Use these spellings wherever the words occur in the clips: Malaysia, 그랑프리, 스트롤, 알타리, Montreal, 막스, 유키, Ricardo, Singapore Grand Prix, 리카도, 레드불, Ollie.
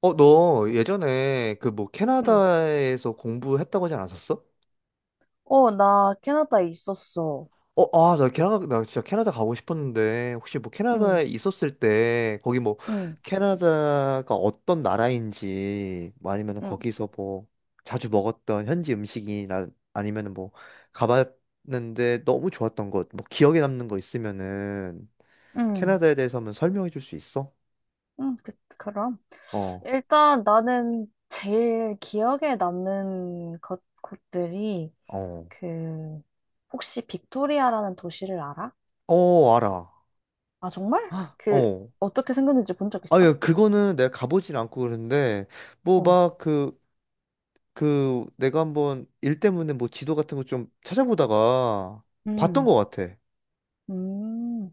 어, 너 예전에 그 뭐 응. 캐나다에서 공부했다고 하지 않았었어? 어, 나 캐나다에 있었어. 어, 아, 나 캐나다, 나 진짜 캐나다 가고 싶었는데, 혹시 뭐 응, 캐나다에 있었을 때, 거기 뭐, 응, 캐나다가 어떤 나라인지, 뭐 아니면 응, 거기서 뭐, 자주 먹었던 현지 음식이나, 아니면 뭐, 가봤는데 너무 좋았던 것, 뭐, 기억에 남는 거 있으면은, 응, 캐나다에 대해서 한번 설명해 줄 수 있어? 응. 그럼. 어, 일단 나는 제일 기억에 남는 것, 곳들이, 어, 그, 혹시 빅토리아라는 도시를 알아? 어, 알아. 아, 정말? 어. 어떻게 생겼는지 본 적 있어? 아유, 그거는 내가 가보진 않고 그러는데, 뭐, 어. 막, 그, 그, 내가 한번 일 때문에 뭐 지도 같은 거 좀 찾아보다가 봤던 음, 것 같아. 음.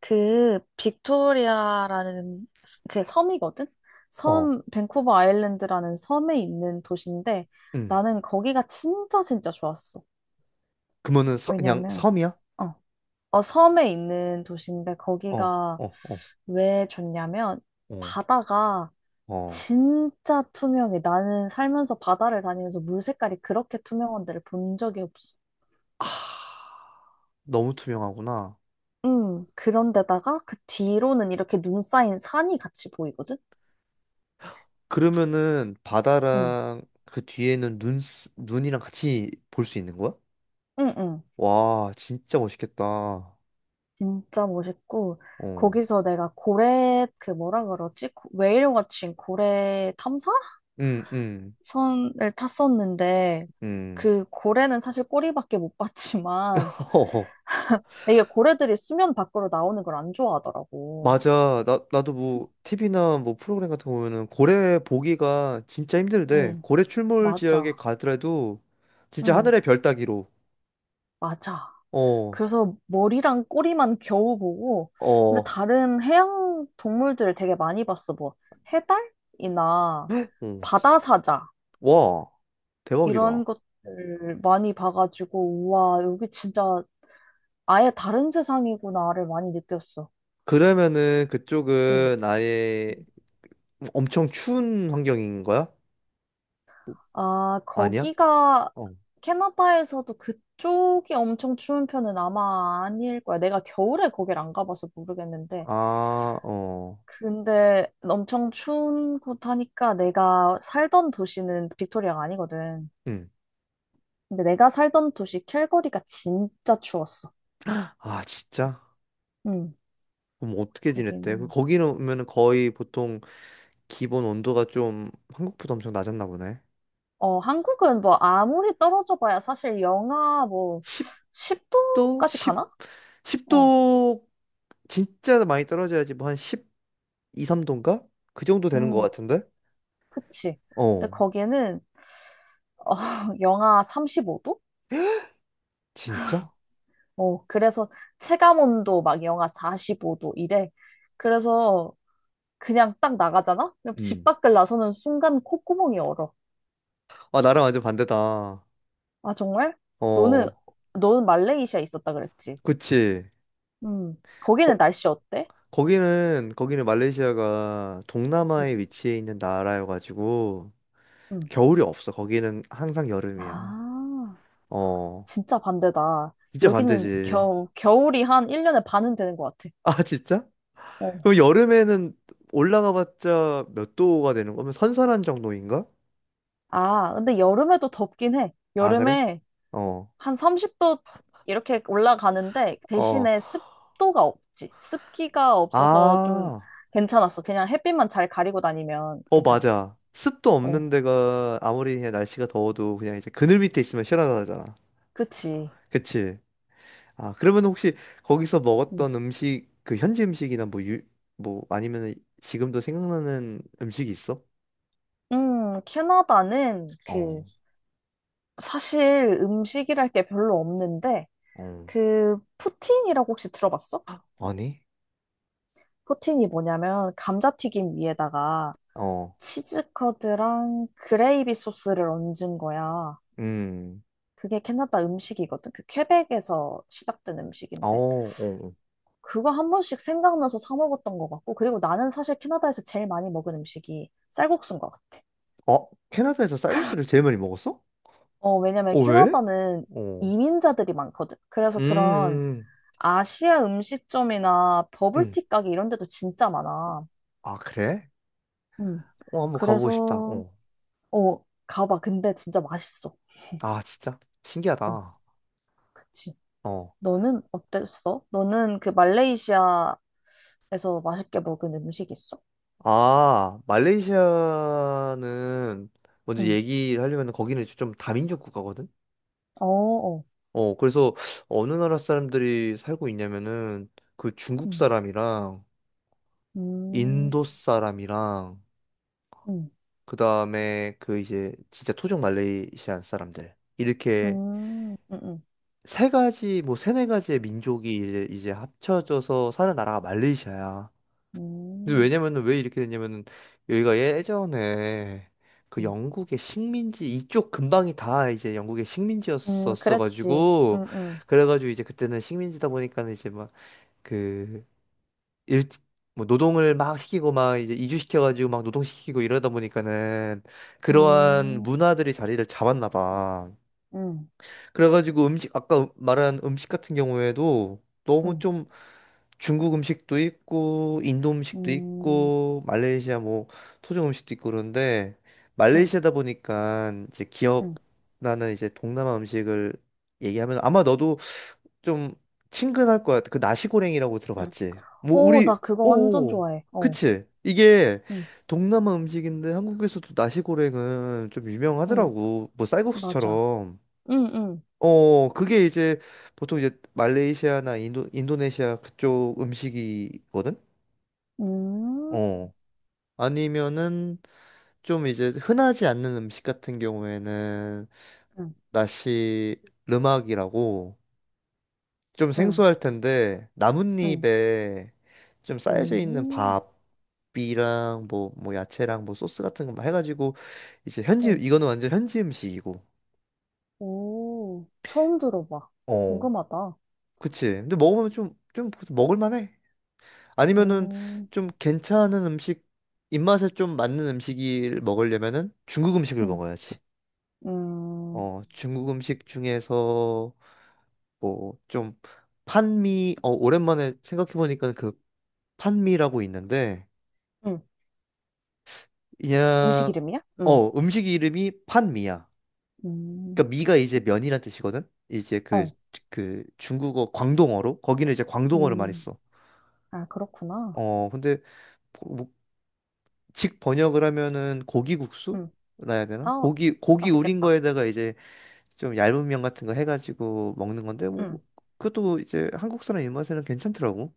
그 빅토리아라는 그 섬이거든? 어, 섬, 밴쿠버 아일랜드라는 섬에 있는 도시인데 응. 나는 거기가 진짜 진짜 좋았어. 그러면은 서- 그냥 왜냐면 섬이야? 어, 섬에 있는 도시인데 어, 거기가 어, 어, 왜 좋냐면 어, 바다가 어. 진짜 투명해. 나는 살면서 바다를 다니면서 물 색깔이 그렇게 투명한 데를 본 적이 없어. 아, 너무 투명하구나. 그런데다가 그 뒤로는 이렇게 눈 쌓인 산이 같이 보이거든? 그러면은 응, 바다랑 그 뒤에는 눈, 쓰- 눈이랑 같이 볼 수 있는 거야? 응, 응. 와, 진짜 멋있겠다. 어, 진짜 멋있고 응, 거기서 내가 고래 그 뭐라 그러지? Whal 고래 응, 탐사선을 탔었는데 응. 그 고래는 사실 꼬리밖에 못 봤지만 이게 고래들이 수면 밖으로 나오는 걸 안 좋아하더라고. 맞아. 나도 뭐, TV나 뭐 프로그램 같은 거 보면은 고래 보기가 진짜 힘들대. 응, 고래 출몰 지역에 맞아. 가더라도 진짜 응, 하늘의 별 따기로. 맞아. 어, 그래서 머리랑 꼬리만 겨우 보고 근데 어, 다른 해양 동물들을 되게 많이 봤어. 뭐 해달이나 어. 바다사자 와, 이런 대박이다. 것들 많이 봐가지고, 우와, 여기 진짜 아예 다른 세상이구나를 많이 느꼈어. 그러면은 응. 그쪽은 아예 응. 엄청 추운 환경인 거야? 아, 아니야? 거기가 어. 캐나다에서도 그쪽이 엄청 추운 편은 아마 아닐 거야. 내가 겨울에 거길 안 가봐서 모르겠는데. 아, 어. 근데 엄청 추운 곳 하니까 내가 살던 도시는 빅토리아가 아니거든. 응. 근데 내가 살던 도시 캘거리가 진짜 추웠어. 아, 진짜? 응. 그럼 어떻게 지냈대? 그 거기는. 거기는 오면은 거의 보통 기본 온도가 좀 한국보다 엄청 낮았나 보네. 어, 한국은 뭐 아무리 떨어져 봐야 사실 영하 뭐 10도 10도까지 10, 가나? 어, 10도 진짜 많이 떨어져야지 뭐 한 12, 3도인가? 그 정도 되는 것 음, 같은데? 그치. 근데 어, 거기는 어, 영하 35도? 진짜? 어, 그래서 체감 온도 막 영하 45도 이래. 그래서 그냥 딱 나가잖아? 그럼 집 음. 밖을 나서는 순간 콧구멍이 얼어. 아, 나랑 완전 반대다. 아, 정말? 너는, 어, 너는 말레이시아에 있었다 그랬지? 그치. 음, 거기는 거, 날씨 어때? 거기는 말레이시아가 응, 동남아에 위치해 있는 나라여가지고 응. 겨울이 없어. 거기는 항상 여름이야. 아. 어, 진짜 반대다. 진짜 여기는 반대지. 겨울이 한 1년에 반은 되는 것 같아. 아, 진짜? 어. 그럼 여름에는 올라가봤자 몇 도가 되는 거면 선선한 정도인가? 아, 근데 여름에도 덥긴 해. 아, 그래? 여름에 어, 한 30도 이렇게 올라가는데 어. 대신에 습도가 없지. 습기가 없어서 좀 아, 괜찮았어. 그냥 햇빛만 잘 가리고 다니면 어, 괜찮았어. 맞아. 습도 없는 어, 데가 아무리 그냥 날씨가 더워도 그냥 이제 그늘 밑에 있으면 시원하잖아. 그치. 그치? 아, 그러면 혹시 거기서 음, 먹었던 음식, 그 현지 음식이나 뭐 유, 뭐 아니면 지금도 생각나는 음식이 있어? 캐나다는 어, 그 사실 음식이랄 게 별로 없는데 어. 그 푸틴이라고 혹시 들어봤어? 아니? 포틴이 뭐냐면 감자튀김 위에다가 어, 치즈커드랑 그레이비 소스를 얹은 거야. 음, 그게 캐나다 음식이거든. 그 퀘벡에서 시작된 어, 음식인데 어. 그거 한 번씩 생각나서 사 먹었던 것 같고 그리고 나는 사실 캐나다에서 제일 많이 먹은 음식이 쌀국수인 것 같아. 어, 어, 캐나다에서 쌀국수를 제일 많이 먹었어? 어, 왜냐면 어, 왜? 캐나다는 어, 이민자들이 많거든. 그래서 그런 음, 음. 아시아 음식점이나 음. 버블티 가게 이런 데도 진짜 많아. 아, 그래? 음. 어, 한번 가보고 싶다. 그래서 어. 어, 가봐. 근데 진짜 맛있어. 아, 진짜? 어, 신기하다. 그치. 어. 너는 어땠어? 너는 그 말레이시아에서 맛있게 먹은 음식 있어? 아, 말레이시아는 먼저 응. 얘기를 하려면 거기는 좀 다민족 국가거든? 어, 어. 어, 그래서 어느 나라 사람들이 살고 있냐면은 그 중국 응. 사람이랑 음, 인도 사람이랑 응. 그 다음에 그 이제 진짜 토종 말레이시안 사람들. 이렇게 응, 응. 세 가지, 뭐 세네 가지의 민족이 이제 합쳐져서 사는 나라가 말레이시아야. 근데 음, 왜냐면은 왜 이렇게 됐냐면은 여기가 예전에 그 응. 영국의 식민지 이쪽 근방이 다 이제 영국의 식민지였었어 그랬지. 가지고 응, 응. 그래가지고 이제 그때는 식민지다 보니까는 이제 막그일 뭐 노동을 막 시키고 막 이제 이주시켜가지고 막 노동시키고 이러다 보니까는 그러한 음, 문화들이 자리를 잡았나 봐. 응, 그래가지고 음식 아까 말한 음식 같은 경우에도 너무 응. 좀 중국 음식도 있고 인도 음식도 음, 있고 말레이시아 뭐 토종 음식도 있고 그런데 응, 말레이시아다 보니까 이제 응, 기억나는 이제 동남아 음식을 얘기하면 아마 너도 좀 친근할 거야. 그 나시고랭이라고 응. 들어봤지? 뭐 오, 나 우리 그거 완전 오 좋아해. 어. 그치? 이게 응, 동남아 음식인데 한국에서도 나시고랭은 좀 응. 유명하더라고. 뭐 맞아. 쌀국수처럼. 응, 응. 어, 그게 이제 보통 이제 말레이시아나 인도, 인도네시아 그쪽 음식이거든? 음, 어. 아니면은 좀 이제 흔하지 않는 음식 같은 경우에는 응, 나시 르막이라고 좀 응, 생소할 텐데 응. 나뭇잎에 좀 쌓여져 있는 오, 밥이랑 뭐, 뭐 야채랑 뭐 소스 같은 거막 해가지고 이제 현지, 어. 이거는 완전 현지 음식이고. 오, 처음 들어봐. 어. 궁금하다. 그치. 근데 먹으면 좀, 좀 먹을만해. 아니면은 음, 좀 괜찮은 음식, 입맛에 좀 맞는 음식을 먹으려면은 중국 음식을 음, 먹어야지. 음, 어, 중국 음식 중에서 뭐 좀 판미, 어, 오랜만에 생각해보니까 그 판미라고 있는데 음, 음식 그냥 이름이야? 어 음식 이름이 판미야. 음, 그러니까 미가 이제 면이란 뜻이거든. 이제 그 어, 그 중국어 광동어로 거기는 이제 광동어를 많이 음, 써. 아, 그렇구나. 어 근데 뭐 직 번역을 하면은 고기 국수? 음, 나야 되나? 아, 고기 고기 우린 맛있겠다. 거에다가 이제 좀 얇은 면 같은 거 해가지고 먹는 건데 뭐 그, 음, 그것도 이제 한국 사람 입맛에는 괜찮더라고.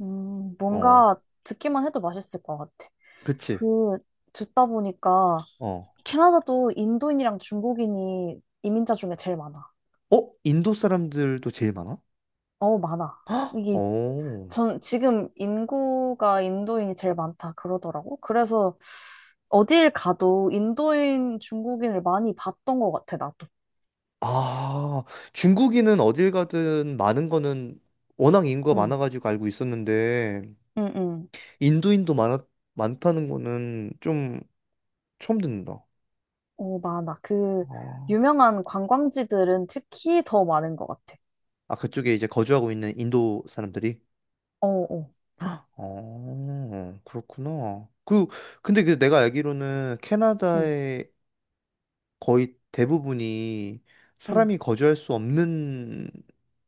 어, 뭔가 듣기만 해도 맛있을 것 같아. 그치. 그, 듣다 보니까 어, 캐나다도 인도인이랑 중국인이 이민자 중에 제일 많아. 어 인도 사람들도 제일 많아? 어, 많아. 이게 어, 전 지금 인구가 인도인이 제일 많다 그러더라고. 그래서 어딜 가도 인도인 중국인을 많이 봤던 것 같아, 나도. 아 중국인은 어딜 가든 많은 거는 워낙 인구가 응, 많아가지고 알고 있었는데 응, 응. 인도인도 많아 많다는 거는 좀 처음 듣는다. 어, 많아. 그 아, 유명한 관광지들은 특히 더 많은 것 같아. 아 그쪽에 이제 거주하고 있는 인도 사람들이 어, 어, 어, 그렇구나. 그, 근데 그 내가 알기로는 응, 캐나다의 거의 대부분이 응. 사람이 거주할 수 없는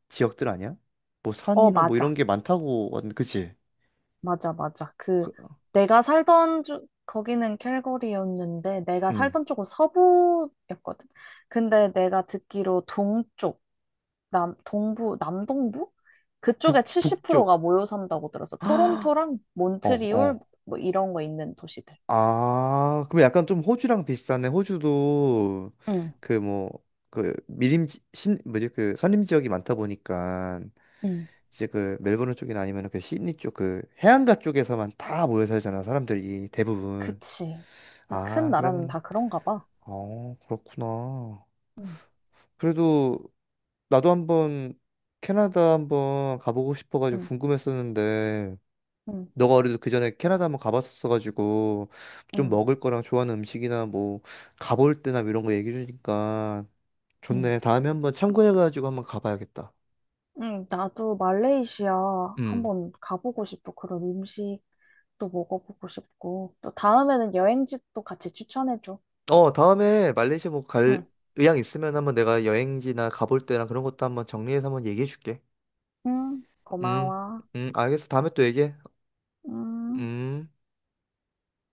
지역들 아니야? 뭐 어, 산이나 뭐 이런 맞아. 게 많다고, 왔- 그치? 맞아, 맞아. 그 그, 내가 살던 주, 거기는 캘거리였는데 내가 음, 살던 쪽은 서부였거든. 근데 내가 듣기로 동쪽. 동부, 남동부? 북, 그쪽에 70%가 북쪽. 모여 산다고 들었어. 어, 토론토랑 몬트리올, 어. 뭐 이런 거 있는 도시들. 아, 그럼 약간 좀 호주랑 비슷하네. 호주도 응, 그 뭐, 그 미림, 신, 뭐지? 그 산림 지역이 많다 보니까. 응, 이제 그 멜버른 쪽이나 아니면 그 시드니 쪽 그 해안가 쪽에서만 다 모여 살잖아 사람들이 대부분. 그치. 큰 아 나라는 그러면 다 그런가 봐. 어 그렇구나. 응, 그래도 나도 한번 캐나다 한번 가보고 싶어가지고 응, 궁금했었는데 응, 너가 어려도 그 전에 캐나다 한번 가봤었어가지고 좀 응, 먹을 거랑 좋아하는 음식이나 뭐 가볼 때나 뭐 이런 거 얘기해 주니까 응. 좋네. 다음에 한번 참고해가지고 한번 가봐야겠다. 응, 나도 말레이시아 음. 한번 가보고 싶어. 그런 음식도 먹어보고 싶고. 또 다음에는 여행지도 같이 추천해줘. 어, 다음에 말레이시아 뭐 갈 응, 의향 있으면 한번 내가 여행지나 가볼 때랑 그런 것도 한번 정리해서 한번 얘기해 줄게. 응, 음, 고마워. 알겠어. 다음에 또 얘기해. 음. 음.